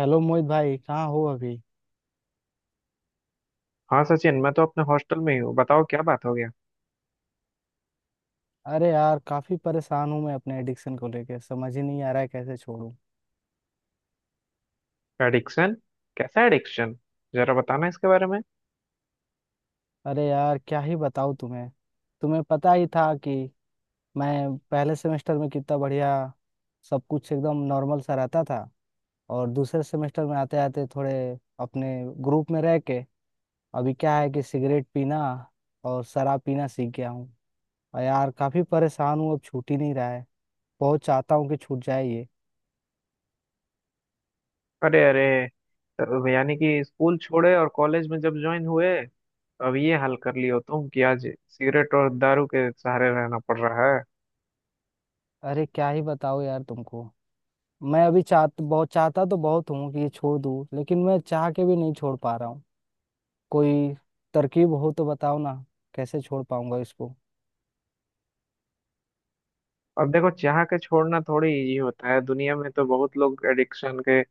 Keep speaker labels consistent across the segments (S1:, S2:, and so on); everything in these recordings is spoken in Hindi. S1: हेलो मोहित भाई कहाँ हो अभी।
S2: हाँ सचिन, मैं तो अपने हॉस्टल में ही हूँ। बताओ क्या बात हो गया।
S1: अरे यार काफी परेशान हूँ, मैं अपने एडिक्शन को लेके समझ ही नहीं आ रहा है कैसे छोड़ूं।
S2: एडिक्शन? कैसा एडिक्शन? जरा बताना इसके बारे में।
S1: अरे यार क्या ही बताऊँ तुम्हें। तुम्हें पता ही था कि मैं पहले सेमेस्टर में कितना बढ़िया, सब कुछ एकदम नॉर्मल सा रहता था। और दूसरे सेमेस्टर में आते आते थोड़े अपने ग्रुप में रह के अभी क्या है कि सिगरेट पीना और शराब पीना सीख गया हूँ। और यार काफी परेशान हूँ, अब छूट ही नहीं रहा है। बहुत चाहता हूँ कि छूट जाए ये।
S2: अरे अरे, यानी कि स्कूल छोड़े और कॉलेज में जब ज्वाइन हुए अब ये हाल कर लियो तुम कि आज सिगरेट और दारू के सहारे रहना पड़ रहा है।
S1: अरे क्या ही बताओ यार तुमको। मैं अभी चाह बहुत चाहता तो बहुत हूँ कि ये छोड़ दूँ, लेकिन मैं चाह के भी नहीं छोड़ पा रहा हूँ। कोई तरकीब हो तो बताओ ना, कैसे छोड़ पाऊंगा इसको।
S2: अब देखो, चाह के छोड़ना थोड़ी इजी होता है। दुनिया में तो बहुत लोग एडिक्शन के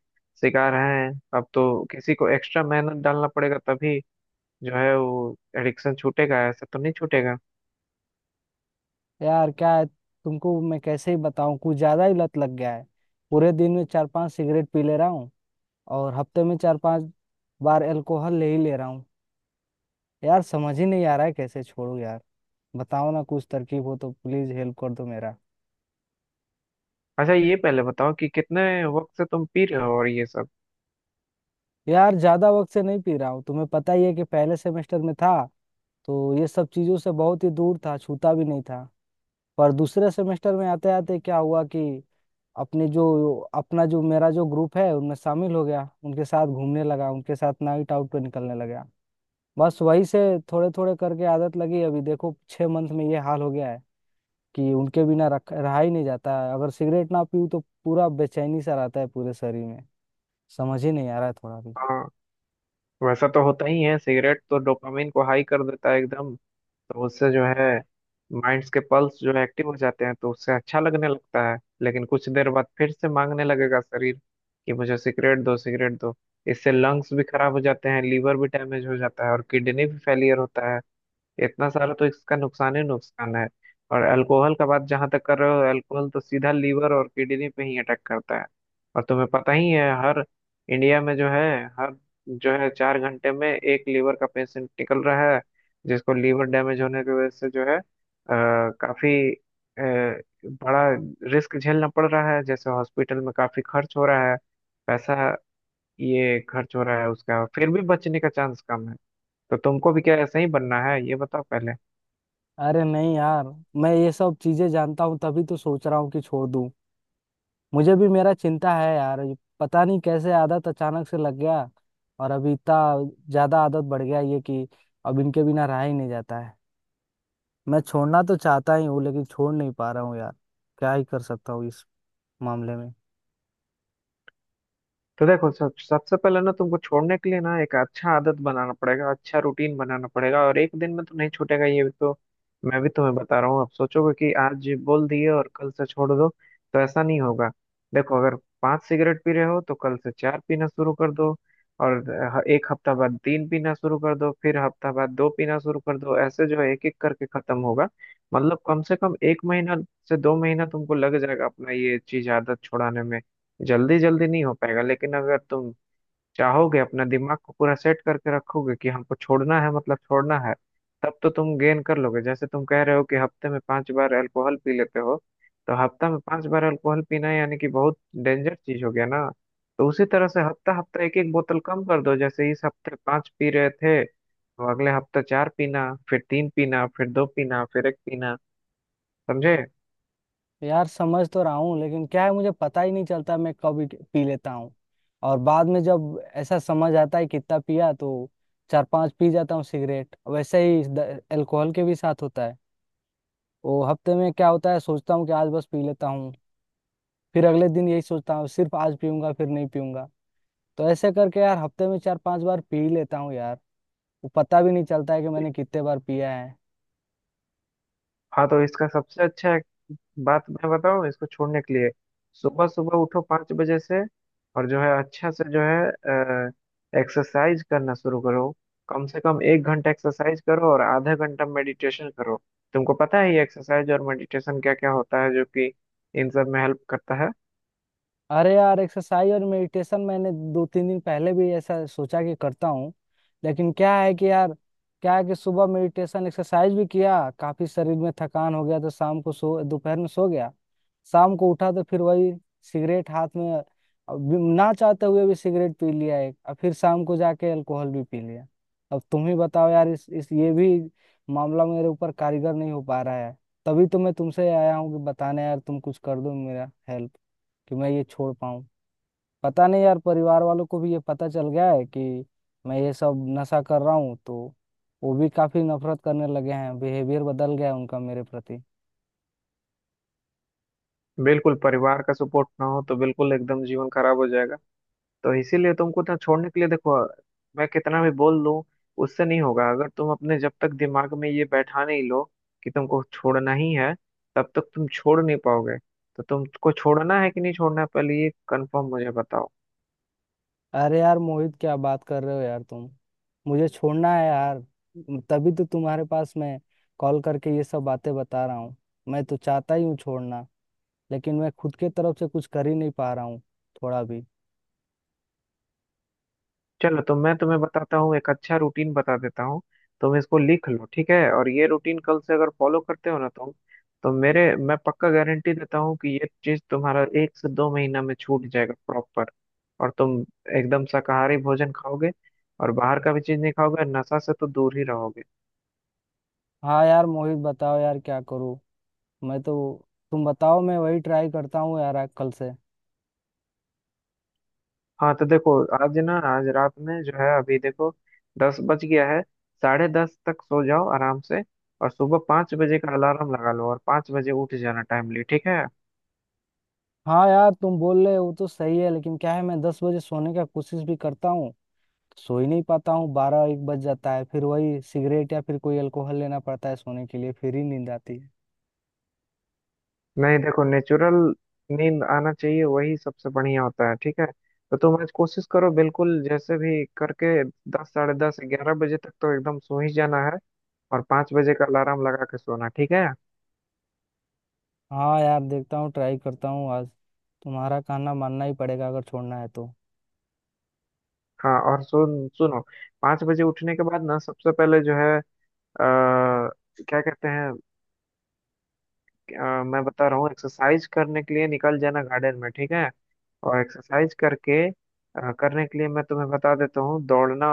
S2: शिकार हैं। अब तो किसी को एक्स्ट्रा मेहनत डालना पड़ेगा तभी जो है वो एडिक्शन छूटेगा, ऐसा तो नहीं छूटेगा।
S1: यार क्या है तुमको मैं कैसे ही बताऊँ, कुछ ज्यादा ही लत लग गया है। पूरे दिन में 4-5 सिगरेट पी ले रहा हूँ, और हफ्ते में 4-5 बार अल्कोहल ले ही ले रहा हूँ। यार समझ ही नहीं आ रहा है कैसे छोड़ू यार। बताओ ना कुछ तरकीब हो तो प्लीज हेल्प कर दो मेरा।
S2: अच्छा ये पहले बताओ कि कितने वक्त से तुम पी रहे हो और ये सब।
S1: यार ज्यादा वक्त से नहीं पी रहा हूँ, तुम्हें पता ही है कि पहले सेमेस्टर में था तो ये सब चीजों से बहुत ही दूर था, छूता भी नहीं था। पर दूसरे सेमेस्टर में आते आते क्या हुआ कि अपने जो अपना जो मेरा जो ग्रुप है उनमें शामिल हो गया, उनके साथ घूमने लगा, उनके साथ नाइट आउट पे निकलने लगा। बस वही से थोड़े थोड़े करके आदत लगी, अभी देखो 6 मंथ में ये हाल हो गया है कि उनके बिना रख रहा ही नहीं जाता है। अगर सिगरेट ना पीऊँ तो पूरा बेचैनी सा रहता है पूरे शरीर में, समझ ही नहीं आ रहा है थोड़ा भी।
S2: हाँ, वैसा तो होता ही है। सिगरेट तो डोपामिन को हाई कर देता है एकदम। तो उससे जो है माइंड्स के पल्स जो है एक्टिव हो जाते हैं तो उससे अच्छा लगने लगता है, लेकिन कुछ देर बाद फिर से मांगने लगेगा शरीर कि मुझे सिगरेट दो, सिगरेट दो। इससे लंग्स भी खराब हो जाते हैं, लीवर भी डैमेज हो जाता है, और किडनी भी फेलियर होता है। इतना सारा तो इसका नुकसान ही नुकसान है। और अल्कोहल का बात जहां तक कर रहे हो, अल्कोहल तो सीधा लीवर और किडनी पे ही अटैक करता है। और तुम्हें पता ही है, हर इंडिया में जो है हर जो है 4 घंटे में एक लीवर का पेशेंट निकल रहा है, जिसको लीवर डैमेज होने की वजह से जो है काफी अ, बड़ा रिस्क झेलना पड़ रहा है। जैसे हॉस्पिटल में काफी खर्च हो रहा है पैसा, ये खर्च हो रहा है उसका, फिर भी बचने का चांस कम है। तो तुमको भी क्या ऐसा ही बनना है, ये बताओ पहले।
S1: अरे नहीं यार, मैं ये सब चीजें जानता हूँ तभी तो सोच रहा हूँ कि छोड़ दूँ। मुझे भी मेरा चिंता है यार, ये पता नहीं कैसे आदत अचानक से लग गया, और अभी इतना ज्यादा आदत बढ़ गया ये कि अब इनके बिना रहा ही नहीं जाता है। मैं छोड़ना तो चाहता ही हूँ, लेकिन छोड़ नहीं पा रहा हूँ यार। क्या ही कर सकता हूँ इस मामले में।
S2: तो देखो, सब सबसे पहले ना तुमको छोड़ने के लिए ना एक अच्छा आदत बनाना पड़ेगा, अच्छा रूटीन बनाना पड़ेगा। और एक दिन में तो नहीं छूटेगा ये भी तो मैं भी तुम्हें बता रहा हूँ। अब सोचोगे कि आज बोल दिए और कल से छोड़ दो, तो ऐसा नहीं होगा। देखो, अगर 5 सिगरेट पी रहे हो तो कल से चार पीना शुरू कर दो, और एक हफ्ता बाद तीन पीना शुरू कर दो, फिर हफ्ता बाद दो पीना शुरू कर दो, ऐसे जो है एक एक करके खत्म होगा। मतलब कम से कम 1 महीना से 2 महीना तुमको लग जाएगा अपना ये चीज आदत छुड़ाने में। जल्दी जल्दी नहीं हो पाएगा, लेकिन अगर तुम चाहोगे, अपना दिमाग को पूरा सेट करके रखोगे कि हमको छोड़ना है मतलब छोड़ना है, तब तो तुम गेन कर लोगे। जैसे तुम कह रहे हो कि हफ्ते में पांच बार अल्कोहल पी लेते हो, तो हफ्ता में पांच बार अल्कोहल पीना यानी कि बहुत डेंजर चीज हो गया ना। तो उसी तरह से हफ्ता हफ्ता एक एक बोतल कम कर दो, जैसे इस हफ्ते पांच पी रहे थे तो अगले हफ्ता चार पीना, फिर तीन पीना, फिर दो पीना, फिर एक पीना। समझे?
S1: यार समझ तो रहा हूँ, लेकिन क्या है मुझे पता ही नहीं चलता मैं कब पी लेता हूँ, और बाद में जब ऐसा समझ आता है कितना पिया तो 4-5 पी जाता हूँ सिगरेट। वैसे ही अल्कोहल के भी साथ होता है। वो हफ्ते में क्या होता है, सोचता हूँ कि आज बस पी लेता हूँ, फिर अगले दिन यही सोचता हूँ सिर्फ आज पीऊंगा फिर नहीं पीऊंगा। तो ऐसे करके यार हफ्ते में 4-5 बार पी लेता हूँ यार, वो पता भी नहीं चलता है कि मैंने कितने बार पिया है।
S2: हाँ, तो इसका सबसे अच्छा है बात मैं बताऊं इसको छोड़ने के लिए, सुबह सुबह उठो 5 बजे से, और जो है अच्छा से जो है एक्सरसाइज करना शुरू करो। कम से कम 1 घंटा एक्सरसाइज करो और आधा घंटा मेडिटेशन करो। तुमको पता है ये एक्सरसाइज और मेडिटेशन क्या क्या होता है जो कि इन सब में हेल्प करता है।
S1: अरे यार, एक्सरसाइज और मेडिटेशन मैंने 2-3 दिन पहले भी ऐसा सोचा कि करता हूँ, लेकिन क्या है कि यार क्या है कि सुबह मेडिटेशन एक्सरसाइज भी किया, काफी शरीर में थकान हो गया, तो शाम को सो दोपहर में सो गया। शाम को उठा तो फिर वही सिगरेट हाथ में। अब ना चाहते हुए भी सिगरेट पी लिया एक, और फिर शाम को जाके अल्कोहल भी पी लिया। अब तुम ही बताओ यार, इस ये भी मामला मेरे ऊपर कारीगर नहीं हो पा रहा है। तभी तो मैं तुमसे आया हूँ कि बताने, यार तुम कुछ कर दो मेरा हेल्प कि मैं ये छोड़ पाऊँ। पता नहीं यार, परिवार वालों को भी ये पता चल गया है कि मैं ये सब नशा कर रहा हूँ तो वो भी काफी नफरत करने लगे हैं, बिहेवियर बदल गया है उनका मेरे प्रति।
S2: बिल्कुल, परिवार का सपोर्ट ना हो तो बिल्कुल एकदम जीवन खराब हो जाएगा। तो इसीलिए तुमको ना छोड़ने के लिए देखो, मैं कितना भी बोल लूं उससे नहीं होगा अगर तुम अपने जब तक दिमाग में ये बैठा नहीं लो कि तुमको छोड़ना ही है, तब तक तुम छोड़ नहीं पाओगे। तो तुमको छोड़ना है कि नहीं छोड़ना है, पहले ये कंफर्म मुझे बताओ।
S1: अरे यार मोहित, क्या बात कर रहे हो यार तुम। मुझे छोड़ना है यार, तभी तो तुम्हारे पास मैं कॉल करके ये सब बातें बता रहा हूँ। मैं तो चाहता ही हूँ छोड़ना, लेकिन मैं खुद के तरफ से कुछ कर ही नहीं पा रहा हूँ थोड़ा भी।
S2: चलो, तो मैं तुम्हें बताता हूँ, एक अच्छा रूटीन बता देता हूँ, तुम इसको लिख लो, ठीक है। और ये रूटीन कल से अगर फॉलो करते हो ना तुम तो मेरे मैं पक्का गारंटी देता हूँ कि ये चीज तुम्हारा एक से 2 महीना में छूट जाएगा प्रॉपर। और तुम एकदम शाकाहारी भोजन खाओगे, और बाहर का भी चीज नहीं खाओगे, नशा से तो दूर ही रहोगे।
S1: हाँ यार मोहित, बताओ यार क्या करूँ, मैं तो, तुम बताओ मैं वही ट्राई करता हूँ यार आज कल से।
S2: हाँ, तो देखो, आज ना आज रात में जो है अभी देखो 10 बज गया है। 10:30 तक सो जाओ आराम से, और सुबह 5 बजे का अलार्म लगा लो, और 5 बजे उठ जाना टाइमली, ठीक है?
S1: हाँ यार, तुम बोल रहे हो तो सही है, लेकिन क्या है मैं 10 बजे सोने का कोशिश भी करता हूँ सो ही नहीं पाता हूँ, 12-1 बज जाता है फिर वही सिगरेट या फिर कोई अल्कोहल लेना पड़ता है सोने के लिए फिर ही नींद आती है।
S2: नहीं, देखो, नेचुरल नींद आना चाहिए, वही सबसे बढ़िया होता है, ठीक है। तो तुम आज कोशिश करो बिल्कुल, जैसे भी करके 10, 10:30, 11 बजे तक तो एकदम सो ही जाना है, और पाँच बजे का अलार्म लगा के सोना, ठीक है?
S1: हाँ यार, देखता हूँ ट्राई करता हूँ आज, तुम्हारा कहना मानना ही पड़ेगा अगर छोड़ना है तो।
S2: हाँ, और सुनो, 5 बजे उठने के बाद ना सबसे पहले जो है आ, क्या कहते हैं, मैं बता रहा हूँ, एक्सरसाइज करने के लिए निकल जाना गार्डन में, ठीक है? और एक्सरसाइज करके करने के लिए मैं तुम्हें बता देता हूँ, दौड़ना,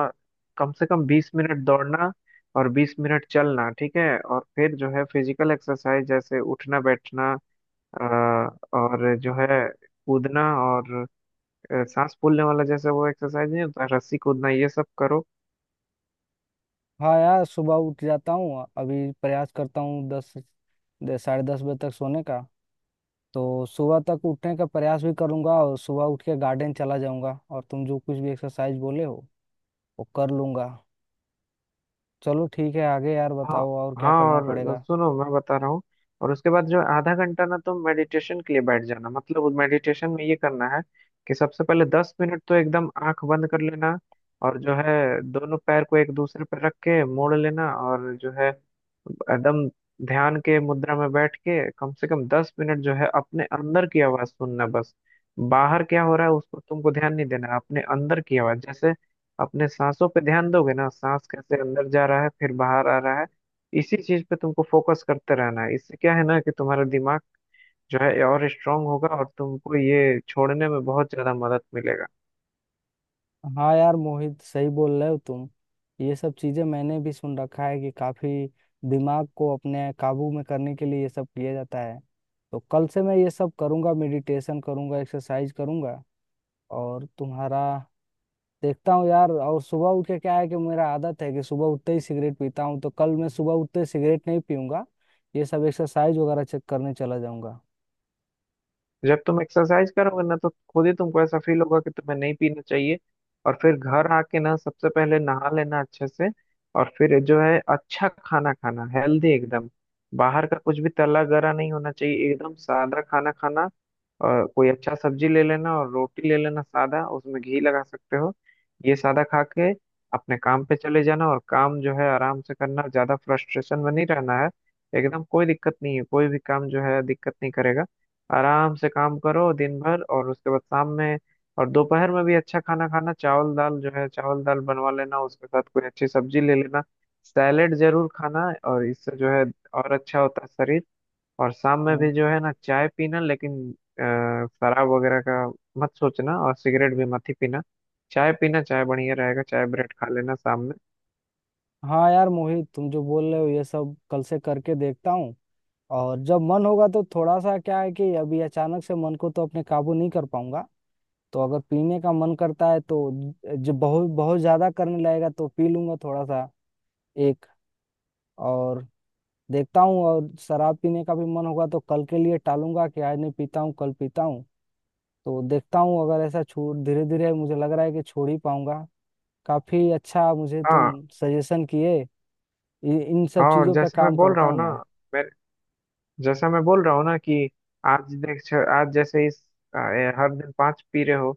S2: कम से कम 20 मिनट दौड़ना और 20 मिनट चलना, ठीक है? और फिर जो है फिजिकल एक्सरसाइज जैसे उठना बैठना, अ, और जो है कूदना, और सांस फूलने वाला जैसे वो एक्सरसाइज नहीं होता, रस्सी कूदना, ये सब करो।
S1: हाँ यार, सुबह उठ जाता हूँ, अभी प्रयास करता हूँ दस 10:30 बजे तक सोने का, तो सुबह तक उठने का प्रयास भी करूंगा और सुबह उठ के गार्डन चला जाऊंगा और तुम जो कुछ भी एक्सरसाइज बोले हो वो कर लूंगा। चलो ठीक है, आगे यार
S2: हाँ
S1: बताओ और क्या
S2: हाँ,
S1: करना
S2: और
S1: पड़ेगा।
S2: सुनो मैं बता रहा हूँ, और उसके बाद जो आधा घंटा ना तुम मेडिटेशन के लिए बैठ जाना। मतलब मेडिटेशन में ये करना है कि सबसे पहले 10 मिनट तो एकदम आंख बंद कर लेना, और जो है दोनों पैर को एक दूसरे पर रख के मोड़ लेना, और जो है एकदम ध्यान के मुद्रा में बैठ के कम से कम 10 मिनट जो है अपने अंदर की आवाज सुनना बस। बाहर क्या हो रहा है उसको तुमको ध्यान नहीं देना, अपने अंदर की आवाज, जैसे अपने सांसों पे ध्यान दोगे ना, सांस कैसे अंदर जा रहा है फिर बाहर आ रहा है, इसी चीज पे तुमको फोकस करते रहना है। इससे क्या है ना कि तुम्हारा दिमाग जो है और स्ट्रांग होगा और तुमको ये छोड़ने में बहुत ज्यादा मदद मिलेगा।
S1: हाँ यार मोहित सही बोल रहे हो तुम, ये सब चीजें मैंने भी सुन रखा है कि काफी दिमाग को अपने काबू में करने के लिए ये सब किया जाता है। तो कल से मैं ये सब करूंगा, मेडिटेशन करूंगा, एक्सरसाइज करूंगा और तुम्हारा देखता हूँ यार। और सुबह उठ के क्या है कि मेरा आदत है कि सुबह उठते ही सिगरेट पीता हूँ, तो कल मैं सुबह उठते ही सिगरेट नहीं पीऊंगा, ये सब एक्सरसाइज वगैरह चेक करने चला जाऊंगा।
S2: जब तुम एक्सरसाइज करोगे ना तो खुद ही तुमको ऐसा फील होगा कि तुम्हें नहीं पीना चाहिए। और फिर घर आके ना सबसे पहले नहा लेना अच्छे से, और फिर जो है अच्छा खाना खाना हेल्दी एकदम। बाहर का कुछ भी तला गरा नहीं होना चाहिए, एकदम सादा खाना खाना। और कोई अच्छा सब्जी ले लेना और रोटी ले लेना सादा, उसमें घी लगा सकते हो। ये सादा खा के अपने काम पे चले जाना, और काम जो है आराम से करना, ज्यादा फ्रस्ट्रेशन में नहीं रहना है, एकदम कोई दिक्कत नहीं है, कोई भी काम जो है दिक्कत नहीं करेगा। आराम से काम करो दिन भर, और उसके बाद शाम में, और दोपहर में भी अच्छा खाना खाना, चावल दाल जो है, चावल दाल बनवा लेना उसके साथ कोई अच्छी सब्जी ले लेना, सैलेड जरूर खाना। और इससे जो है और अच्छा होता है शरीर। और शाम में भी
S1: हम्म।
S2: जो है ना चाय पीना, लेकिन शराब वगैरह का मत सोचना, और सिगरेट भी मत ही पीना। चाय पीना, चाय बढ़िया रहेगा, चाय ब्रेड खा लेना शाम में।
S1: हाँ यार मोहित, तुम जो बोल रहे हो ये सब कल से करके देखता हूँ। और जब मन होगा तो थोड़ा सा, क्या है कि अभी अचानक से मन को तो अपने काबू नहीं कर पाऊंगा, तो अगर पीने का मन करता है तो जो बहुत बहुत ज्यादा करने लगेगा तो पी लूंगा थोड़ा सा एक। और देखता हूँ, और शराब पीने का भी मन होगा तो कल के लिए टालूंगा कि आज नहीं पीता हूँ कल पीता हूँ। तो देखता हूँ अगर ऐसा छोड़ धीरे धीरे, मुझे लग रहा है कि छोड़ ही पाऊंगा। काफी अच्छा मुझे
S2: हाँ
S1: तुम सजेशन किए, इन सब
S2: हाँ, और
S1: चीजों पे
S2: जैसे मैं
S1: काम
S2: बोल रहा
S1: करता
S2: हूँ
S1: हूँ
S2: ना,
S1: मैं।
S2: मैं जैसा मैं बोल रहा हूँ ना कि आज आज जैसे इस अ, हर दिन पाँच पी रहे हो,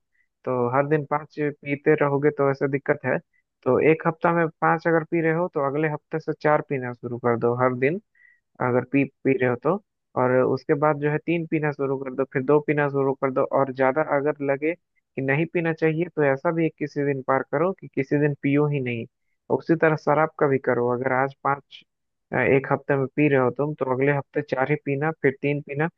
S2: तो हर दिन पाँच पीते रहोगे तो ऐसा दिक्कत है। तो एक हफ्ता में पाँच अगर पी रहे हो तो अगले हफ्ते से चार पीना शुरू कर दो हर दिन अगर पी पी रहे हो तो। और उसके बाद जो है तीन पीना शुरू कर दो, फिर दो पीना शुरू कर दो, और ज्यादा अगर लगे कि नहीं पीना चाहिए तो ऐसा भी एक किसी दिन पार करो कि किसी दिन पियो ही नहीं। उसी तरह शराब का भी करो, अगर आज पांच एक हफ्ते में पी रहे हो तुम तो अगले हफ्ते चार ही पीना, फिर तीन पीना।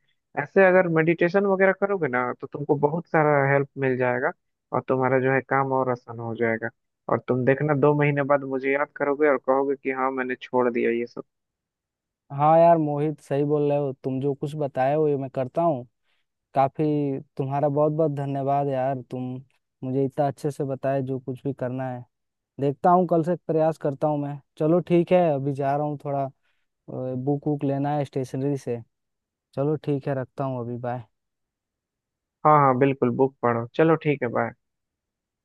S2: ऐसे अगर मेडिटेशन वगैरह करोगे ना तो तुमको बहुत सारा हेल्प मिल जाएगा, और तुम्हारा जो है काम और आसान हो जाएगा। और तुम देखना, 2 महीने बाद मुझे याद करोगे और कहोगे कि हाँ मैंने छोड़ दिया ये सब।
S1: हाँ यार मोहित सही बोल रहे हो तुम, जो कुछ बताए हो ये मैं करता हूँ। काफी तुम्हारा बहुत बहुत धन्यवाद यार, तुम मुझे इतना अच्छे से बताए जो कुछ भी करना है। देखता हूँ कल से प्रयास करता हूँ मैं। चलो ठीक है, अभी जा रहा हूँ, थोड़ा बुक वुक लेना है स्टेशनरी से। चलो ठीक है, रखता हूँ अभी, बाय।
S2: हाँ हाँ, बिल्कुल, बुक पढ़ो। चलो ठीक है, बाय।